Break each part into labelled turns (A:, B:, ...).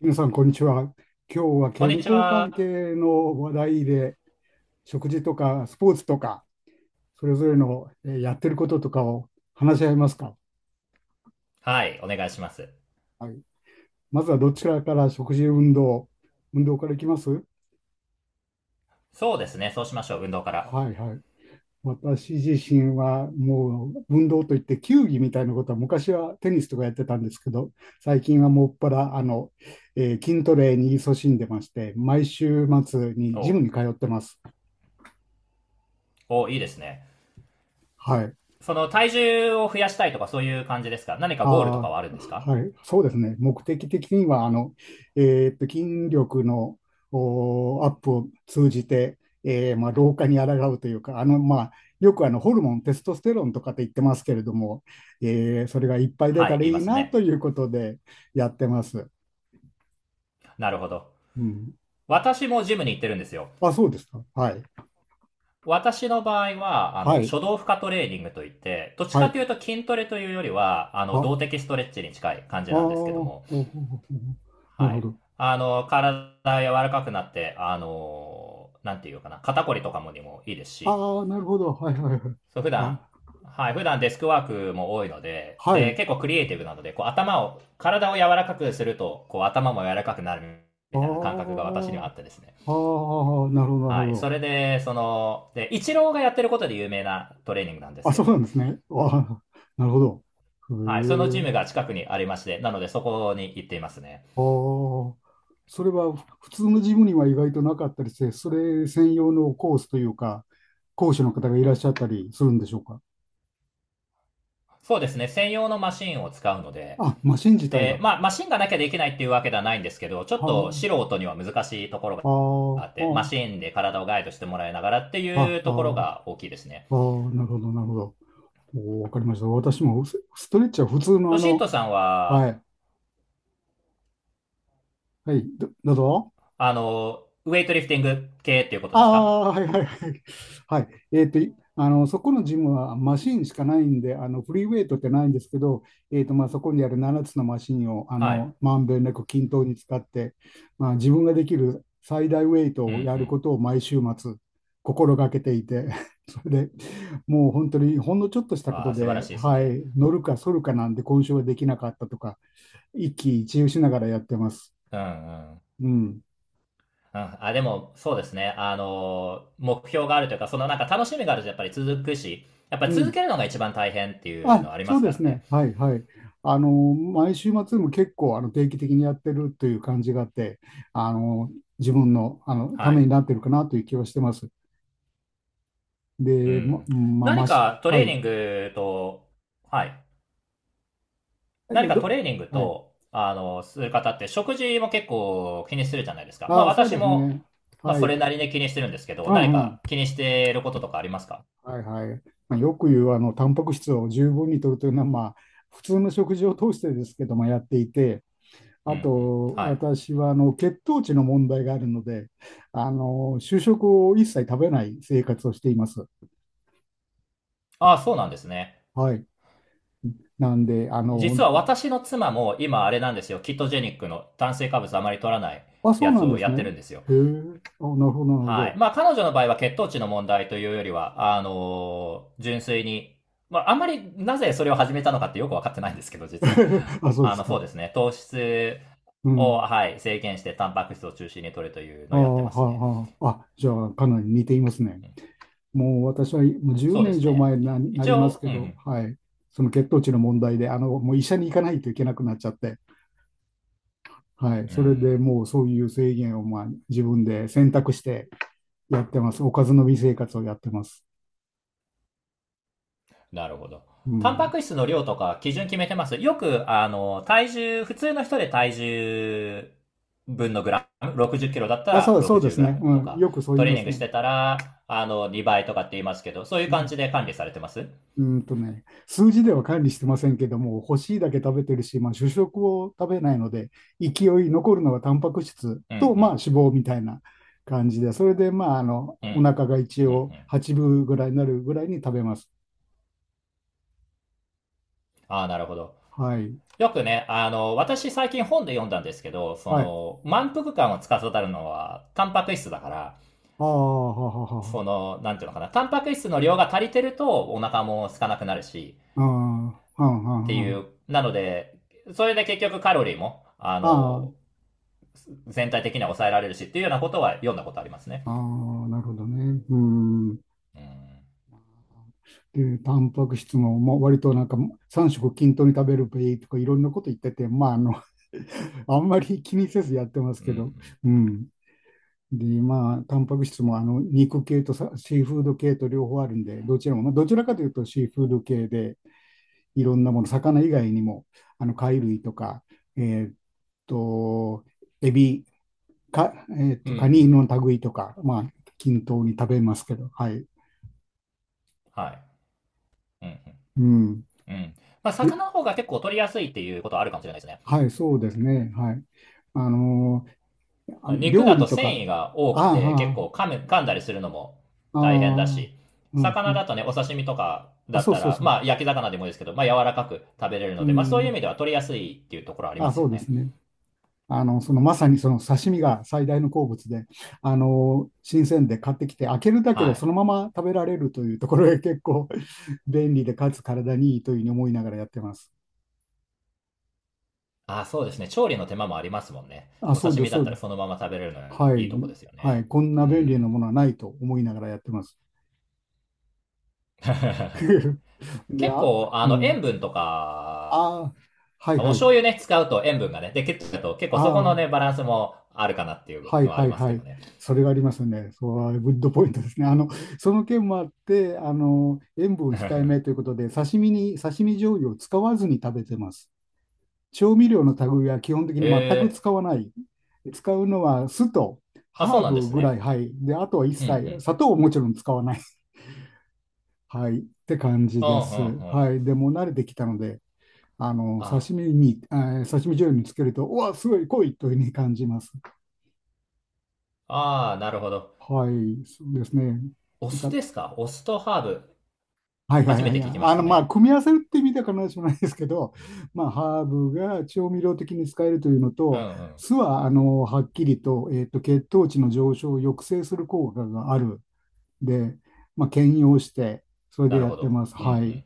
A: 皆さん、こんにちは。今日は
B: こんに
A: 健
B: ち
A: 康関
B: は。
A: 係の話題で、食事とかスポーツとか、それぞれのやってることとかを話し合いますか。
B: はい、お願いします。
A: はい、まずはどちらから食事、運動、運動からいきます。
B: そうですね、そうしましょう、運動から。
A: はいはい。私自身はもう運動といって球技みたいなことは昔はテニスとかやってたんですけど、最近はもっぱら筋トレに勤しんでまして、毎週末に
B: お
A: ジム
B: う
A: に通ってます。
B: おういいですね。
A: はい。
B: その、体重を増やしたいとかそういう感じですか？何か
A: あ
B: ゴールとかはあるんです
A: あ、
B: か？
A: はい、そうですね。目的的には、あの、筋力のアップを通じて、まあ、老化に抗うというか、あの、まあ、よくあのホルモン、テストステロンとかって言ってますけれども、それがいっぱい出
B: は
A: た
B: い、
A: ら
B: い
A: い
B: ま
A: い
B: す
A: なと
B: ね。
A: いうことでやってます。
B: なるほど。
A: うん。
B: 私もジムに行ってるんですよ。
A: あ、そうですか。はい。
B: 私の場合は、
A: は
B: 初
A: い。
B: 動負荷トレーニングといって、どっち
A: は
B: か
A: い。
B: というと筋トレというよりは、
A: あ、ああ、
B: 動的ストレッチに近い感じ
A: お
B: なんですけど
A: お
B: も、
A: おな
B: は
A: るほ
B: い。
A: ど。
B: 体柔らかくなって、なんていうかな、肩こりとかもにもいいですし、
A: ああ、なるほど。はいはいはい。
B: そう、普段、
A: あ、
B: はい、普段デスクワークも多いので、
A: は
B: で、
A: い。
B: 結構クリエイティブなので、こう頭を、体を柔らかくすると、こう頭も柔らかくなる
A: あ
B: みたいな感覚が私にはあってですね。
A: あ。ああ、なるほど、なるほ
B: はい。そ
A: ど。
B: れで、その、で、イチローがやってることで有名なトレーニングなんです
A: あ、
B: け
A: そうなん
B: ど、
A: ですね。ああ、なるほど。へ
B: はい。そのジ
A: え。
B: ムが近くにありまして、なのでそこに行っていますね。
A: ああ、それは普通のジムには意外となかったりして、それ専用のコースというか、講師の方がいらっしゃったりするんでしょうか。
B: そうですね。専用のマシンを使うので、
A: あ、マシン自体
B: で、
A: が。
B: まあ、マシンがなきゃできないっていうわけではないんですけど、ちょっと
A: は
B: 素人には難しいところが
A: あ、
B: あ
A: あ
B: って、マシ
A: あ、
B: ーンで体をガイドしてもらいながらって
A: あ
B: い
A: あ、
B: う
A: あ
B: ところが大きいですね。
A: あ、ああなるほど、なるほど。わかりました。私もスストレッチは普通の
B: ロ
A: あ
B: シット
A: の、
B: さん
A: は
B: は、
A: い、はい、どうぞ。
B: ウェイトリフティング系っていうこと
A: あ
B: ですか？
A: あ、はいはいはい。はい。そこのジムはマシンしかないんで、あの、フリーウェイトってないんですけど、まあ、そこにある7つのマシンを、あ
B: はい。
A: の、まんべんなく均等に使って、まあ、自分ができる最大ウェイ
B: う
A: トをやる
B: ん
A: ことを毎週末、心がけていて、それで、もう本当にほんのちょっとし
B: うん。
A: たこ
B: わ
A: と
B: あ、素晴ら
A: で、
B: しいです
A: は
B: ね。
A: い、乗るか反るかなんで、今週はできなかったとか、一喜一憂しながらやってます。
B: うんうん。
A: うん。
B: うん、あ、でも、そうですね。あの、目標があるというか、そのなんか楽しみがあるとやっぱり続くし、やっぱ
A: う
B: り続け
A: ん。
B: るのが一番大変っていう
A: あ、
B: のありま
A: そう
B: すか
A: で
B: ら
A: す
B: ね。
A: ね。はいはい。あの、毎週末も結構あの定期的にやってるという感じがあって、あの、自分の、あのた
B: は
A: め
B: い。
A: になってるかなという気はしてます。
B: う
A: で、ま、
B: ん。
A: まあ、
B: 何かト
A: は
B: レー
A: い。
B: ニングと、はい。
A: えっ
B: 何
A: と
B: かト
A: ど、
B: レーニング
A: はい。
B: と、する方って食事も結構気にするじゃないですか。まあ
A: ああ、そう
B: 私
A: です
B: も、
A: ね。
B: まあ
A: は
B: そ
A: い。
B: れなりに気にしてるんですけ
A: う
B: ど、何
A: んうん。
B: か気にしていることとかありますか？
A: はいはい。まあ、よく言う、あの、タンパク質を十分に摂るというのは、まあ、普通の食事を通してですけども、やっていて、
B: うん
A: あ
B: うん。
A: と、
B: はい。
A: 私はあの血糖値の問題があるので、あの主食を一切食べない生活をしています。
B: ああ、そうなんですね。
A: はい。なんで、あの、
B: 実は私の妻も今あれなんですよ。キットジェニックの炭水化物あまり取らない
A: あ、そ
B: や
A: うな
B: つ
A: ん
B: を
A: です
B: やっ
A: ね。
B: てるんですよ。
A: へえ、あ、なるほど、なるほ
B: はい。
A: ど。
B: まあ彼女の場合は血糖値の問題というよりは、純粋に、まああんまりなぜそれを始めたのかってよくわかってないんですけど、実は。
A: あ、そうです
B: そう
A: か。
B: ですね。糖質
A: う
B: を、
A: ん。
B: はい、制限してタンパク質を中心に摂るという
A: あ
B: の
A: ー
B: をやってます
A: はあ、
B: ね。
A: はあ、あ、じゃあ、かなり似ていますね。
B: うん、
A: もう私はもう10
B: そうで
A: 年以
B: す
A: 上
B: ね。
A: 前にな、な
B: 一
A: ります
B: 応、
A: け
B: う
A: ど、
B: ん、
A: はい。その血糖値の問題で、あの、もう医者に行かないといけなくなっちゃって、はい。
B: う
A: それで
B: ん、
A: もうそういう制限を、まあ、自分で選択して、やってます。おかずの美生活をやってます。
B: なるほど。
A: う
B: タンパ
A: ん。
B: ク質の量とか基準決めてます？よく、体重、普通の人で体重分のグラム、60キロだった
A: あ、
B: ら
A: そう、そうで
B: 60
A: す
B: グラ
A: ね。
B: ムと
A: うん。
B: か、
A: よくそう言
B: ト
A: い
B: レー
A: ま
B: ニン
A: す
B: グし
A: ね。
B: てたら、2倍とかって言いますけど、そういう
A: う
B: 感
A: ん。
B: じで管理されてます？
A: うんとね、数字では管理してませんけども、欲しいだけ食べてるし、まあ、主食を食べないので、勢い残るのはタンパク質
B: うんう
A: と、まあ、
B: ん。
A: 脂肪みたいな感じで、それで、まあ、あの、
B: うん、うん、
A: お腹
B: う
A: が一応
B: ん。
A: 8分ぐらいになるぐらいに食べます。
B: ああ、なるほど。
A: はい。
B: よくね、私最近本で読んだんですけど、そ
A: はい。あ
B: の、満腹感を司るのは、タンパク質だから、
A: あ、ははは
B: そ
A: は。
B: の、なんていうのかな、タンパク質の量が足りてると、お腹も空かなくなるし、
A: ああ、はんは
B: って
A: んは
B: い
A: ん。
B: う、なので、それで結局カロリーも、
A: あ
B: 全体的には抑えられるし、っていうようなことは読んだことありますね。
A: あ、ああ、なるほどね。うん。
B: うん。
A: で、タンパク質も、まあ、割となんか3食均等に食べるべいとかいろんなこと言ってて、まあ、あの あんまり気にせずやってます
B: うん、う
A: けど、
B: ん。
A: うん。で、まあ、タンパク質もあの肉系とシーフード系と両方あるんで、どちらも、まあ、どちらかというとシーフード系で、いろんなもの、魚以外にも、あの貝類とか、えーっと、エビ、か、えーっ
B: うん、
A: と、
B: う
A: カニ
B: ん。
A: の類とか、まあ、均等に食べますけど、はい。
B: はい。うん、
A: うん。
B: うん。うん。まあ、
A: で、
B: 魚の方が結構取りやすいっていうことはあるかもしれないですね。
A: はい、そうですね。はい。あのー
B: 肉
A: 料
B: だ
A: 理
B: と
A: と
B: 繊
A: か、
B: 維が多くて結
A: あ
B: 構噛んだりするのも
A: あ、あ
B: 大変だ
A: あ、
B: し、
A: うん、う
B: 魚だ
A: ん。
B: とね、お刺身とか
A: あ、
B: だっ
A: そう
B: た
A: そう
B: ら、
A: そう。
B: まあ焼き魚でもいいですけど、まあ柔らかく食べれる
A: う
B: ので、まあそういう意
A: ん。
B: 味では取りやすいっていうところありま
A: あ、
B: す
A: そ
B: よ
A: うで
B: ね。
A: すね。あの、そのまさにその刺身が最大の好物で、新鮮で買ってきて、開けるだけ
B: は
A: でそ
B: い。
A: のまま食べられるというところが結構 便利で、かつ体にいいというふうに思いながらやってます。
B: ああ、そうですね。調理の手間もありますもんね。
A: あ、
B: お
A: そう
B: 刺
A: で
B: 身
A: す、
B: だ
A: そ
B: っ
A: う
B: た
A: で
B: ら
A: す。
B: そのまま食べれるのは
A: は
B: い
A: い。
B: いとこですよ
A: は
B: ね。
A: い。こんな
B: う
A: 便利な
B: ん。
A: ものはないと思いながらやってます。で、
B: 結
A: あ、
B: 構、
A: う
B: 塩
A: ん。
B: 分とか、
A: ああ、はい
B: お
A: はい。
B: 醤油ね、使うと塩分がね、で、結構、結構そこ
A: あ
B: の
A: あ、
B: ね、バランスもあるかなっていう
A: はい
B: のはあ
A: は
B: り
A: い
B: ます
A: は
B: けど
A: い。
B: ね。
A: それがありますね。そう、グッドポイントですね。あの、その件もあって、あの、塩分控えめというこ とで、刺身に、刺身醤油を使わずに食べてます。調味料の類は基本的に全く
B: ええ、
A: 使わない。使うのは酢と
B: あ、そう
A: ハー
B: なんで
A: ブ
B: す
A: ぐらい、
B: ね。
A: はい。で、あとは一
B: うんう
A: 切、
B: ん。
A: 砂糖をもちろん使わない。はい。って感じ
B: うんうんう
A: です。
B: ん。
A: はい。でもう慣れてきたので、あの、
B: あ
A: 刺身に、刺身醤油につけると、うわ、すごい濃いというふうに感じます。
B: あ、あーなるほど。
A: はい、そうですね。
B: お
A: なん
B: 酢
A: か、
B: ですか？お酢とハーブ。
A: はいはい
B: 初め
A: はい
B: て聞
A: はい。
B: きま
A: あ
B: し
A: の、
B: た
A: まあ、
B: ね。
A: 組み合わせるって意味では必ずしもないですけど、まあ、ハーブが調味料的に使えるというの
B: うん
A: と、
B: うん。
A: 酢は、あの、はっきりと、血糖値の上昇を抑制する効果がある。で、まあ、兼用して、それで
B: なる
A: や
B: ほ
A: って
B: ど。
A: ます。
B: うんう
A: はい。
B: ん。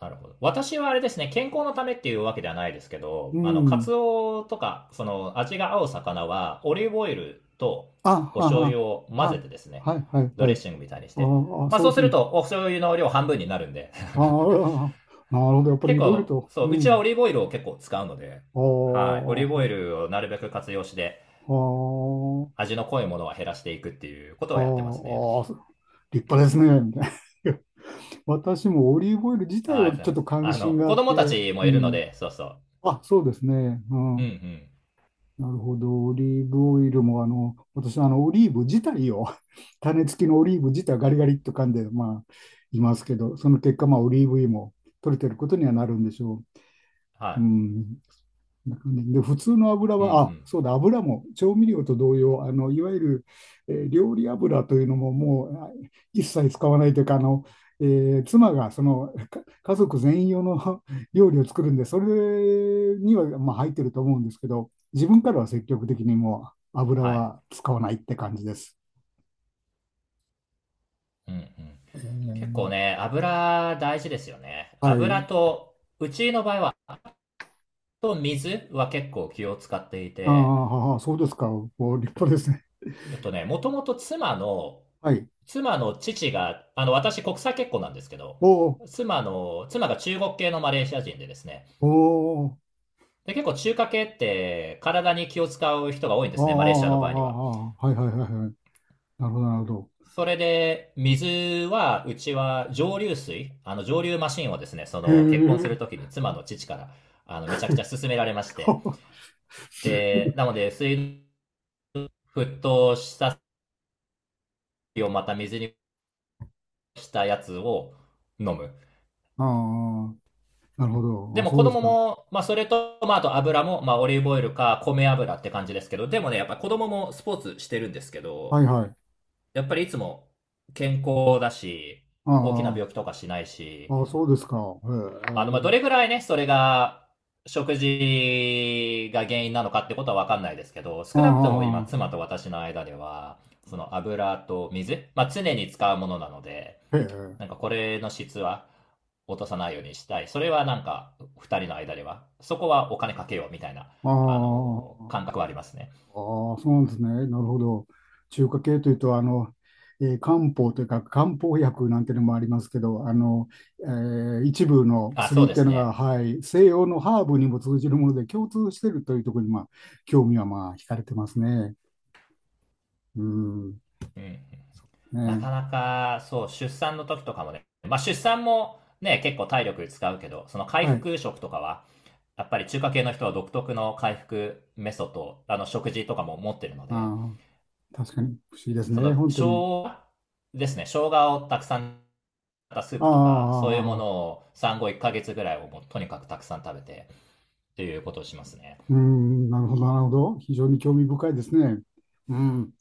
B: なるほど。私はあれですね、健康のためっていうわけではないですけ
A: う
B: ど、カツ
A: ん。
B: オとか、その、味が合う魚は、オリーブオイルと
A: あ、
B: お
A: は
B: 醤
A: は、
B: 油を混ぜ
A: は、
B: てですね、
A: はいはい
B: ド
A: は
B: レッ
A: い。
B: シングみたいにして。
A: ああ、
B: まあ
A: そ
B: そ
A: う
B: う
A: です
B: する
A: ね。
B: と、お醤油の量半分になるんで
A: ああ、なるほど。やっぱり
B: 結
A: いろいろ
B: 構、
A: と。
B: そ
A: う
B: う、うちはオ
A: ん。
B: リーブオイルを結構使うので、
A: ああ、
B: はい。オリーブオイ
A: は
B: ルをなるべく活用して、
A: あ。
B: 味の濃いものは減らしていくっていうこと
A: あ
B: はやってますね。
A: あ、ああ立派ですね、みたいな。私もオリーブオイル自体
B: あ、あり
A: は
B: がとう
A: ちょ
B: ご
A: っ
B: ざ
A: と
B: います。
A: 関心があ
B: 子
A: っ
B: 供た
A: て、
B: ちも
A: う
B: いるの
A: ん。
B: で、そうそう。
A: あ、そうですね。う
B: うんう
A: ん。
B: ん。
A: なるほど。オリーブオイルも、あの、私、あの、オリーブ自体を、種付きのオリーブ自体はガリガリっと噛んで、まあ、いますけど、その結果、まあ、オリーブ油も取れてることにはなるんでしょう。う
B: は
A: ん。で、普通の油
B: い。うんう
A: は、あ、
B: ん。
A: そうだ、油も調味料と同様、あの、いわゆる、料理油というのももう一切使わないというか、あの、妻がそのか家族全員用の 料理を作るんで、それには、まあ、入ってると思うんですけど、自分からは積極的にもう油
B: はい。
A: は使わないって感じです。
B: うんうん。
A: え
B: 結構
A: ー
B: ね、油大事ですよね。
A: は
B: 油
A: い。
B: と、うちの場合は、と水は結構気を使ってい
A: あー
B: て、
A: はは、そうですか。お、立派ですね。
B: えっとね、もともと妻の
A: はい。
B: 妻の父が、私国際結婚なんですけど、
A: お
B: 妻が中国系のマレーシア人でですね。
A: おおお
B: で、結構中華系って体に気を使う人が多いんで
A: あーあ
B: す
A: ー、あ
B: ね、マレーシアの場合には。
A: ーあーはいはいはいはい。なるほど、なるほど。
B: それで、水は、うちは蒸留水、あの蒸留マシンをですね、そ
A: へえ。
B: の結婚するときに妻の父から、めちゃくちゃ勧められまして。で、なので、水、沸騰した水をまた水にしたやつを飲む。
A: ああ、なるほ
B: で
A: ど。あ、
B: も
A: そ
B: 子
A: うで
B: 供
A: すか。
B: も、まあそれと、まああと油も、まあオリーブオイルか米油って感じですけど、でもね、やっぱ子供もスポーツしてるんですけど、
A: はいはい。
B: やっぱりいつも健康だし、大きな
A: あ
B: 病気とかしないし、
A: あ、あ、そうですか。へ
B: まあど
A: え。
B: れぐらいね、それが食事が原因なのかってことはわかんないですけど、少なくとも今
A: あ
B: 妻と私の間では、その油と水、まあ常に使うものなので、
A: あ、へえ。
B: なんかこれの質は落とさないようにしたい。それはなんか2人の間では、そこはお金かけようみたいな、
A: ああ、あ
B: 感覚はありますね。
A: あ、そうなんですね。なるほど。中華系というと、あの、漢方というか、漢方薬なんていうのもありますけど、あの、一部の
B: あ、そう
A: 薬っ
B: で
A: てい
B: す
A: うのが、
B: ね。
A: はい、西洋のハーブにも通じるもので共通しているというところに、まあ、興味はまあ、惹かれてますね。うん、
B: うん。
A: そうです
B: な
A: ね。
B: かなか、そう、出産の時とかもね、まあ出産もね、結構体力使うけど、その回
A: はい。
B: 復食とかは、やっぱり中華系の人は独特の回復メソッド、食事とかも持ってるので、
A: ああ、確かに不思議です
B: そ
A: ね、
B: の生
A: 本当に。
B: 姜ですね、生姜をたくさんったスー
A: ああ、
B: プとか、そういう
A: あ
B: も
A: あ
B: の
A: ああ
B: を産後1ヶ月ぐらいをもうとにかくたくさん食べてっていうことをしますね。
A: うん、なるほど、なるほど。非常に興味深いですね。うん。